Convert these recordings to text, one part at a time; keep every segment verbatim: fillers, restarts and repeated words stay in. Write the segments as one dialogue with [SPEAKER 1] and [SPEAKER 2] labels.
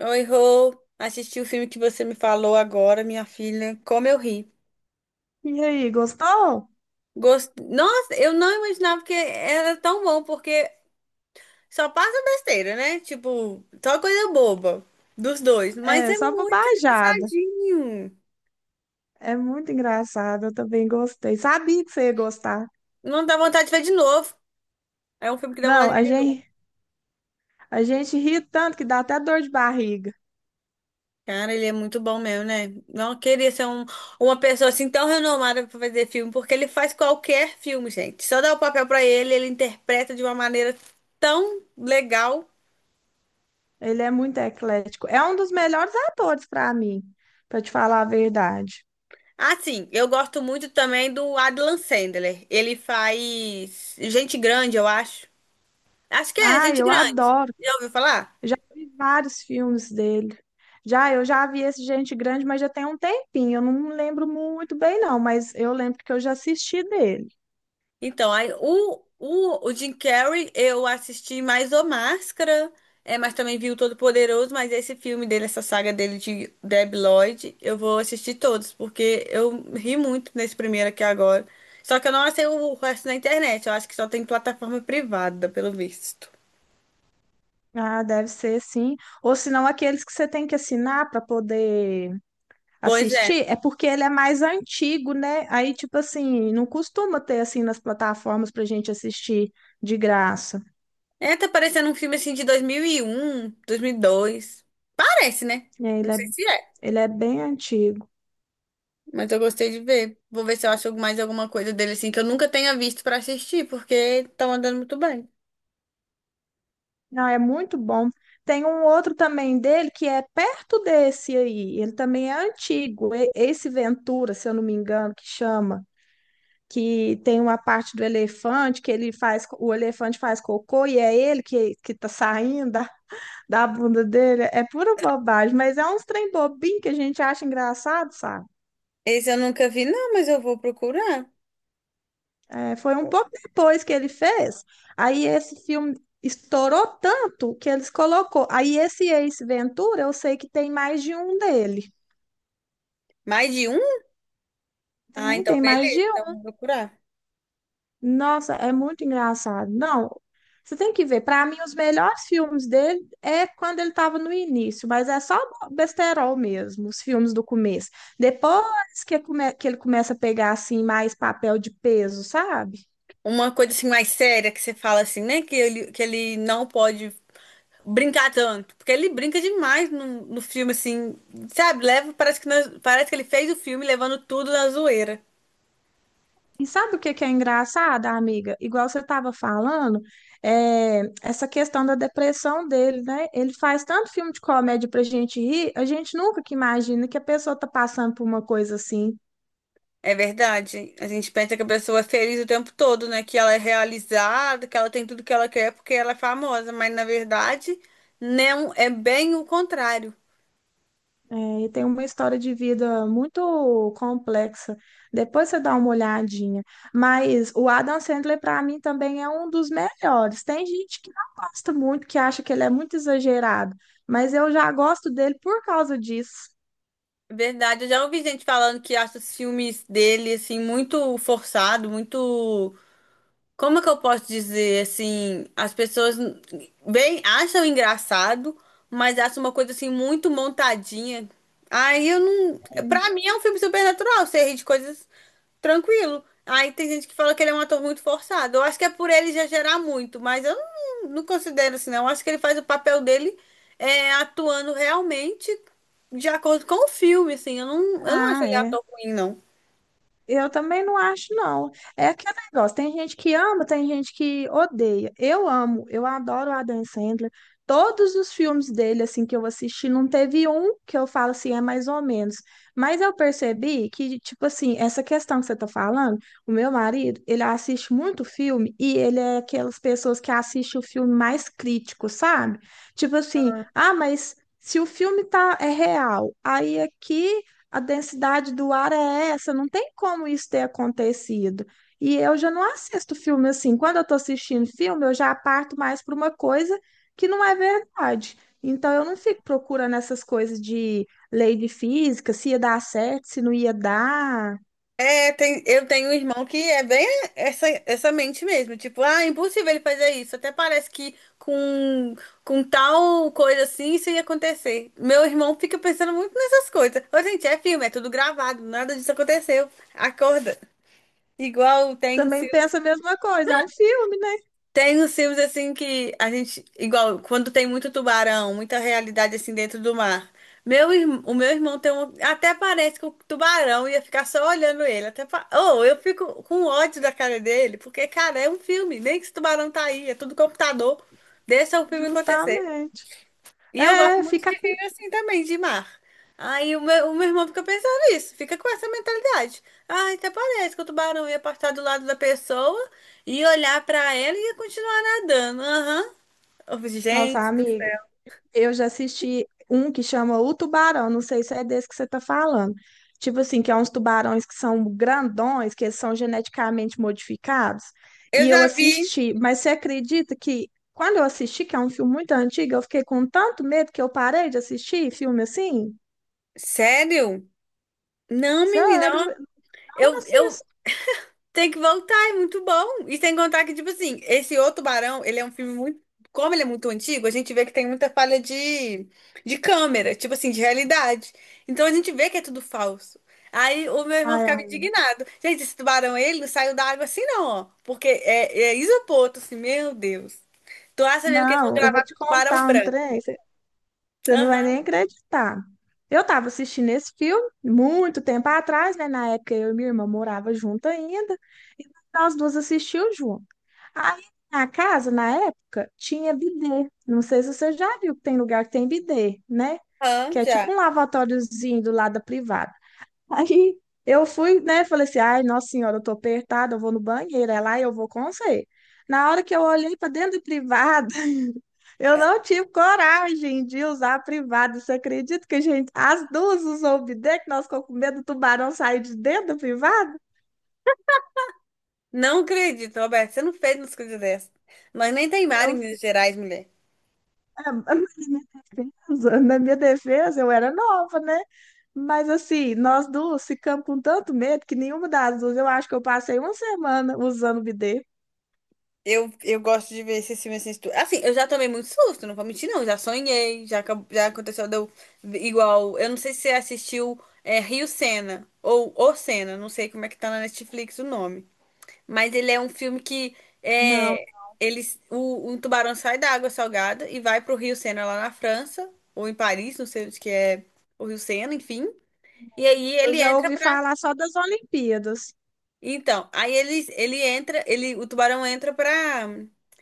[SPEAKER 1] Oi, Rô. Assisti o filme que você me falou agora, minha filha. Como eu ri.
[SPEAKER 2] E aí, gostou?
[SPEAKER 1] Gost... Nossa, eu não imaginava que era tão bom, porque só passa besteira, né? Tipo, só coisa boba dos dois. Mas
[SPEAKER 2] É,
[SPEAKER 1] é
[SPEAKER 2] só
[SPEAKER 1] muito
[SPEAKER 2] bobajada.
[SPEAKER 1] engraçadinho.
[SPEAKER 2] É muito engraçado, eu também gostei. Sabia que você ia gostar.
[SPEAKER 1] Não dá vontade de ver de novo. É um filme que dá
[SPEAKER 2] Não,
[SPEAKER 1] vontade de
[SPEAKER 2] a
[SPEAKER 1] ver.
[SPEAKER 2] gente, a gente ri tanto que dá até dor de barriga.
[SPEAKER 1] Cara, ele é muito bom mesmo, né? Não queria ser um- uma pessoa assim tão renomada pra fazer filme, porque ele faz qualquer filme, gente. Só dá o papel pra ele, ele interpreta de uma maneira tão legal.
[SPEAKER 2] Ele é muito eclético. É um dos melhores atores para mim, para te falar a verdade.
[SPEAKER 1] Ah, sim, eu gosto muito também do Adam Sandler. Ele faz Gente Grande, eu acho. Acho que é
[SPEAKER 2] Ah,
[SPEAKER 1] Gente
[SPEAKER 2] eu
[SPEAKER 1] Grande.
[SPEAKER 2] adoro.
[SPEAKER 1] Já ouviu falar?
[SPEAKER 2] Vi vários filmes dele. Já, eu já vi esse Gente Grande, mas já tem um tempinho. Eu não lembro muito bem, não, mas eu lembro que eu já assisti dele.
[SPEAKER 1] Então, aí, o, o, o Jim Carrey, eu assisti mais O Máscara, é, mas também vi o Todo-Poderoso, mas esse filme dele, essa saga dele de Deb Lloyd, eu vou assistir todos, porque eu ri muito nesse primeiro aqui agora. Só que eu não achei o resto na internet, eu acho que só tem plataforma privada, pelo visto.
[SPEAKER 2] Ah, deve ser sim. Ou senão aqueles que você tem que assinar para poder
[SPEAKER 1] Pois é.
[SPEAKER 2] assistir, é porque ele é mais antigo, né? Aí, tipo assim, não costuma ter assim nas plataformas para gente assistir de graça.
[SPEAKER 1] É, tá parecendo um filme assim de dois dois mil mil e um, dois mil e dois. Parece, né?
[SPEAKER 2] É,
[SPEAKER 1] Não
[SPEAKER 2] Ele é,
[SPEAKER 1] sei se é,
[SPEAKER 2] ele é bem antigo.
[SPEAKER 1] mas eu gostei de ver. Vou ver se eu acho mais alguma coisa dele assim que eu nunca tenha visto pra assistir, porque tá andando muito bem.
[SPEAKER 2] Não, é muito bom. Tem um outro também dele que é perto desse aí. Ele também é antigo. E- Esse Ventura, se eu não me engano, que chama, que tem uma parte do elefante que ele faz, o elefante faz cocô e é ele que, que tá saindo da, da bunda dele. É pura bobagem, mas é uns trem bobinho que a gente acha engraçado, sabe?
[SPEAKER 1] Esse eu nunca vi, não, mas eu vou procurar.
[SPEAKER 2] É, foi um pouco depois que ele fez. Aí esse filme estourou tanto que eles colocou. Aí esse Ace Ventura, eu sei que tem mais de um dele.
[SPEAKER 1] Mais de um? Ah,
[SPEAKER 2] Tem,
[SPEAKER 1] então
[SPEAKER 2] tem
[SPEAKER 1] beleza,
[SPEAKER 2] mais de...
[SPEAKER 1] então vou procurar.
[SPEAKER 2] Nossa, é muito engraçado. Não, você tem que ver. Para mim, os melhores filmes dele é quando ele estava no início, mas é só besterol mesmo, os filmes do começo. Depois que, come- que ele começa a pegar assim mais papel de peso, sabe?
[SPEAKER 1] Uma coisa assim mais séria que você fala assim, né? Que ele, que ele não pode brincar tanto, porque ele brinca demais no, no filme assim, sabe? Leva, parece que na- parece que ele fez o filme levando tudo na zoeira.
[SPEAKER 2] E sabe o que que é engraçado, amiga? Igual você estava falando, é, essa questão da depressão dele, né? Ele faz tanto filme de comédia pra gente rir, a gente nunca que imagina que a pessoa tá passando por uma coisa assim.
[SPEAKER 1] É verdade. A gente pensa que a pessoa é feliz o tempo todo, né? Que ela é realizada, que ela tem tudo que ela quer porque ela é famosa. Mas na verdade, não é bem o contrário.
[SPEAKER 2] É, e tem uma história de vida muito complexa. Depois você dá uma olhadinha. Mas o Adam Sandler, para mim, também é um dos melhores. Tem gente que não gosta muito, que acha que ele é muito exagerado. Mas eu já gosto dele por causa disso.
[SPEAKER 1] É verdade. Eu já ouvi gente falando que acha os filmes dele, assim, muito forçado, muito. Como é que eu posso dizer assim? As pessoas bem acham engraçado, mas acham uma coisa assim muito montadinha. Aí eu não. Pra mim é um filme supernatural, você ri de coisas tranquilo. Aí tem gente que fala que ele é um ator muito forçado. Eu acho que é por ele já gerar muito, mas eu não, não considero assim, não. Eu acho que ele faz o papel dele é, atuando realmente de acordo com o filme, assim. Eu não, eu não acho
[SPEAKER 2] Ah,
[SPEAKER 1] ele
[SPEAKER 2] é.
[SPEAKER 1] ator ruim, não.
[SPEAKER 2] Eu também não acho, não. É aquele negócio, tem gente que ama, tem gente que odeia. Eu amo, eu adoro o Adam Sandler. Todos os filmes dele, assim, que eu assisti, não teve um que eu falo assim, é mais ou menos. Mas eu percebi que, tipo assim, essa questão que você tá falando, o meu marido, ele assiste muito filme e ele é aquelas pessoas que assistem o filme mais crítico, sabe? Tipo assim, ah, mas se o filme tá, é real, aí aqui a densidade do ar é essa, não tem como isso ter acontecido. E eu já não assisto filme assim. Quando eu estou assistindo filme, eu já parto mais para uma coisa que não é verdade. Então eu não fico procurando essas coisas de lei de física, se ia dar certo, se não ia dar.
[SPEAKER 1] É, tem, eu tenho um irmão que é bem essa, essa mente mesmo. Tipo, ah, é impossível ele fazer isso. Até parece que com, com tal coisa assim isso ia acontecer. Meu irmão fica pensando muito nessas coisas. Ô, gente, é filme, é tudo gravado, nada disso aconteceu. Acorda. Igual tem. um
[SPEAKER 2] Também penso a mesma coisa, é um filme, né?
[SPEAKER 1] tem os filmes assim que a gente, igual, quando tem muito tubarão, muita realidade assim dentro do mar. Meu, irm- o meu irmão tem um, até parece que o tubarão ia ficar só olhando ele. Até pa- oh, eu fico com ódio da cara dele, porque, cara, é um filme, nem que esse tubarão tá aí, é tudo computador. Deixa o filme acontecer.
[SPEAKER 2] Justamente.
[SPEAKER 1] E eu gosto
[SPEAKER 2] É,
[SPEAKER 1] muito
[SPEAKER 2] fica.
[SPEAKER 1] de filme assim também, de mar. Aí o meu, o meu irmão fica pensando nisso, fica com essa mentalidade. Ah, até parece que o tubarão ia passar do lado da pessoa e olhar pra ela e ia continuar nadando. Aham. Eu falei,
[SPEAKER 2] Nossa,
[SPEAKER 1] gente,
[SPEAKER 2] amiga. Eu já assisti um que chama O Tubarão, não sei se é desse que você está falando. Tipo assim, que é uns tubarões que são grandões, que eles são geneticamente modificados.
[SPEAKER 1] eu
[SPEAKER 2] E eu
[SPEAKER 1] já vi.
[SPEAKER 2] assisti, mas você acredita que quando eu assisti, que é um filme muito antigo, eu fiquei com tanto medo que eu parei de assistir filme assim?
[SPEAKER 1] Sério? Não, menina. Ó,
[SPEAKER 2] Sério, eu não
[SPEAKER 1] Eu, eu
[SPEAKER 2] assisto.
[SPEAKER 1] tem que voltar, é muito bom. E sem contar que, tipo assim, esse O Tubarão, ele é um filme muito. Como ele é muito antigo, a gente vê que tem muita falha de, de câmera, tipo assim, de realidade. Então a gente vê que é tudo falso. Aí o meu irmão
[SPEAKER 2] Ai,
[SPEAKER 1] ficava
[SPEAKER 2] ai,
[SPEAKER 1] indignado. Gente, esse tubarão, ele não saiu da água assim, não, ó. Porque é, é isopor, tô assim, meu Deus. Tu acha mesmo que eles vão
[SPEAKER 2] não, eu vou
[SPEAKER 1] gravar com
[SPEAKER 2] te
[SPEAKER 1] o tubarão
[SPEAKER 2] contar um
[SPEAKER 1] branco?
[SPEAKER 2] trem. Você não vai
[SPEAKER 1] Aham,
[SPEAKER 2] nem acreditar. Eu estava assistindo esse filme muito tempo atrás, né? Na época eu e minha irmã morava junto ainda, e nós duas assistimos junto. Aí na casa, na época, tinha bidê. Não sei se você já viu que tem lugar que tem bidê, né?
[SPEAKER 1] aham,
[SPEAKER 2] Que é
[SPEAKER 1] já.
[SPEAKER 2] tipo um lavatóriozinho do lado da privada. Aí eu fui, né? Falei assim: ai, nossa senhora, eu tô apertada, eu vou no banheiro, é lá e eu vou com você. Na hora que eu olhei para dentro do privado, eu não tive coragem de usar privado. Você acredita que a gente, as duas usou o bidê, que nós ficamos com medo do tubarão sair de dentro do privado?
[SPEAKER 1] Não acredito, Roberto, você não fez uma coisa dessa. Nós nem tem mar em
[SPEAKER 2] Eu,
[SPEAKER 1] Minas Gerais, mulher.
[SPEAKER 2] na minha defesa, na minha defesa, eu era nova, né? Mas assim, nós duas ficamos com tanto medo que nenhuma das duas, eu acho que eu passei uma semana usando o bidê.
[SPEAKER 1] Eu, eu gosto de ver esses filmes assim. tu- Assim, eu já tomei muito susto, não vou mentir, não. Já sonhei, já, acab- já aconteceu deu, igual. Eu não sei se você assistiu é, Rio Sena ou O Sena, não sei como é que tá na Netflix o nome. Mas ele é um filme que
[SPEAKER 2] Não,
[SPEAKER 1] é, eles, o, um tubarão sai da água salgada e vai pro Rio Sena lá na França, ou em Paris, não sei onde que é o Rio Sena, enfim. E aí
[SPEAKER 2] eu
[SPEAKER 1] ele
[SPEAKER 2] já
[SPEAKER 1] entra
[SPEAKER 2] ouvi
[SPEAKER 1] pra.
[SPEAKER 2] falar só das Olimpíadas.
[SPEAKER 1] Então, aí ele, ele entra, ele, o tubarão entra pra,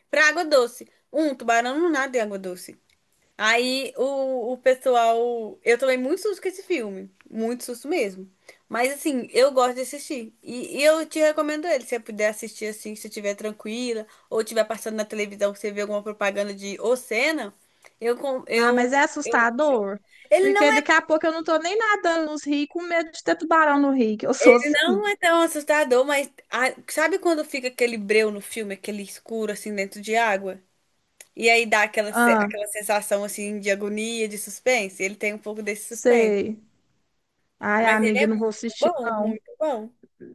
[SPEAKER 1] pra água doce. Um, tubarão não nada em água doce. Aí o, o pessoal. Eu tomei muito susto com esse filme. Muito susto mesmo. Mas assim, eu gosto de assistir. E, e eu te recomendo ele. Se você puder assistir assim, se estiver tranquila, ou estiver passando na televisão, você vê alguma propaganda de ô eu, com-
[SPEAKER 2] Ah,
[SPEAKER 1] eu,
[SPEAKER 2] mas é
[SPEAKER 1] eu, eu.
[SPEAKER 2] assustador.
[SPEAKER 1] Ele não
[SPEAKER 2] Porque daqui a pouco eu não tô nem nadando nos rios com medo de ter tubarão no rio, que eu sou assim.
[SPEAKER 1] não é tão assustador, mas ah, sabe quando fica aquele breu no filme, aquele escuro assim dentro de água? E aí dá aquela, se- aquela sensação assim de agonia, de suspense. Ele tem um pouco desse suspense.
[SPEAKER 2] Sei. Ai,
[SPEAKER 1] Mas ele é
[SPEAKER 2] amiga, não vou
[SPEAKER 1] muito
[SPEAKER 2] assistir.
[SPEAKER 1] bom, muito bom.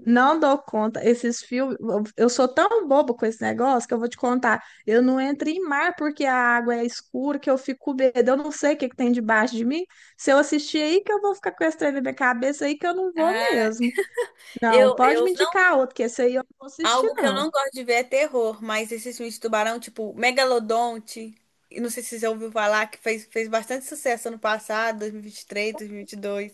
[SPEAKER 2] Não dou conta. Esses filmes. Eu eu sou tão boba com esse negócio que eu vou te contar. Eu não entro em mar porque a água é escura, que eu fico com medo. Eu não sei o que que tem debaixo de mim. Se eu assistir aí, que eu vou ficar com esse trem na minha cabeça aí, que eu não vou
[SPEAKER 1] Ah,
[SPEAKER 2] mesmo. Não,
[SPEAKER 1] eu,
[SPEAKER 2] pode
[SPEAKER 1] eu
[SPEAKER 2] me
[SPEAKER 1] não.
[SPEAKER 2] indicar outro, que esse aí eu não vou assistir,
[SPEAKER 1] Algo que eu
[SPEAKER 2] não.
[SPEAKER 1] não gosto de ver é terror, mas esses filmes de tubarão, tipo Megalodonte, e não sei se você já ouviu falar, que fez, fez bastante sucesso ano passado, dois mil e vinte e três, dois mil e vinte e dois.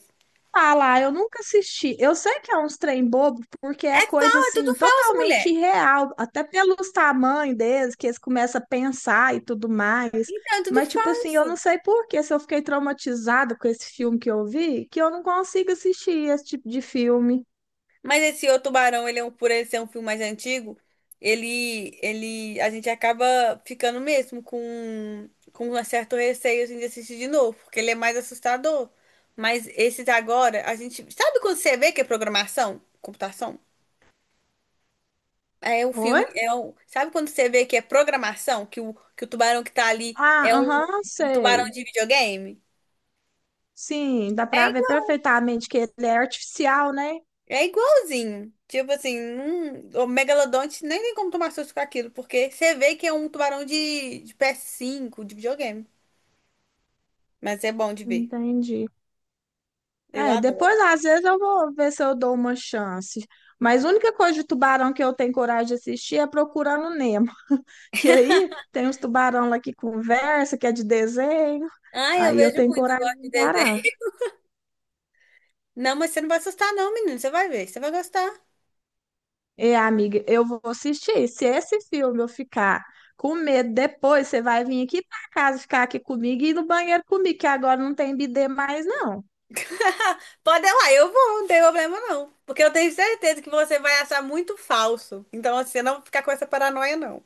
[SPEAKER 2] Falar, eu nunca assisti. Eu sei que é uns trem bobo, porque
[SPEAKER 1] É
[SPEAKER 2] é coisa
[SPEAKER 1] falso, é
[SPEAKER 2] assim,
[SPEAKER 1] tudo falso, mulher.
[SPEAKER 2] totalmente irreal, até pelos tamanhos deles, que eles começam a pensar e tudo mais.
[SPEAKER 1] Então, é tudo
[SPEAKER 2] Mas, tipo assim, eu não
[SPEAKER 1] falso.
[SPEAKER 2] sei por que, se eu fiquei traumatizada com esse filme que eu vi, que eu não consigo assistir esse tipo de filme.
[SPEAKER 1] Mas esse O Tubarão, ele é um, por ele ser um filme mais antigo, ele, ele, a gente acaba ficando mesmo com, com um certo receio assim, de assistir de novo, porque ele é mais assustador. Mas esses agora, a gente. Sabe quando você vê que é programação? Computação? É um filme.
[SPEAKER 2] Oi?
[SPEAKER 1] É um, sabe quando você vê que é programação? Que o, que o tubarão que tá ali
[SPEAKER 2] Ah,
[SPEAKER 1] é um,
[SPEAKER 2] aham,
[SPEAKER 1] um tubarão
[SPEAKER 2] sei.
[SPEAKER 1] de videogame?
[SPEAKER 2] Sim, dá pra
[SPEAKER 1] É
[SPEAKER 2] ver perfeitamente que ele é artificial, né?
[SPEAKER 1] é igualzinho. Tipo assim, não- o megalodonte nem tem como tomar susto com aquilo, porque você vê que é um tubarão de, de ps cinco, de videogame. Mas é bom de ver.
[SPEAKER 2] Entendi.
[SPEAKER 1] Eu
[SPEAKER 2] É,
[SPEAKER 1] adoro.
[SPEAKER 2] depois às vezes eu vou ver se eu dou uma chance. Mas a única coisa de tubarão que eu tenho coragem de assistir é Procurando Nemo. Que aí tem uns tubarão lá que conversa, que é de desenho.
[SPEAKER 1] Ah, eu
[SPEAKER 2] Aí eu
[SPEAKER 1] vejo
[SPEAKER 2] tenho
[SPEAKER 1] muito, eu
[SPEAKER 2] coragem
[SPEAKER 1] gosto
[SPEAKER 2] de
[SPEAKER 1] de
[SPEAKER 2] encarar.
[SPEAKER 1] desenho. Não, mas você não vai assustar, não, menino. Você vai ver, você vai gostar.
[SPEAKER 2] E amiga, eu vou assistir. Se esse filme eu ficar com medo depois, você vai vir aqui para casa ficar aqui comigo e ir no banheiro comigo, que agora não tem bidê mais, não.
[SPEAKER 1] Pode ir lá, eu vou, não tem problema, não. Porque eu tenho certeza que você vai achar muito falso. Então, assim, você não vou ficar com essa paranoia, não.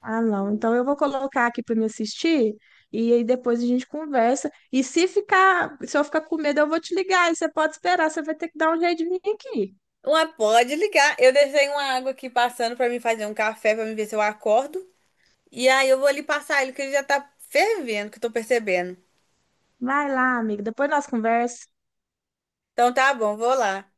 [SPEAKER 2] Ah, não. Então eu vou colocar aqui para me assistir e aí depois a gente conversa. E se ficar, se eu ficar com medo, eu vou te ligar. E você pode esperar, você vai ter que dar um jeito de vir aqui.
[SPEAKER 1] Uma, pode ligar. Eu deixei uma água aqui passando pra me fazer um café, pra me ver se eu acordo. E aí eu vou ali passar ele, que ele já tá fervendo, que eu tô percebendo.
[SPEAKER 2] Vai lá, amiga. Depois nós conversa.
[SPEAKER 1] Então tá bom, vou lá.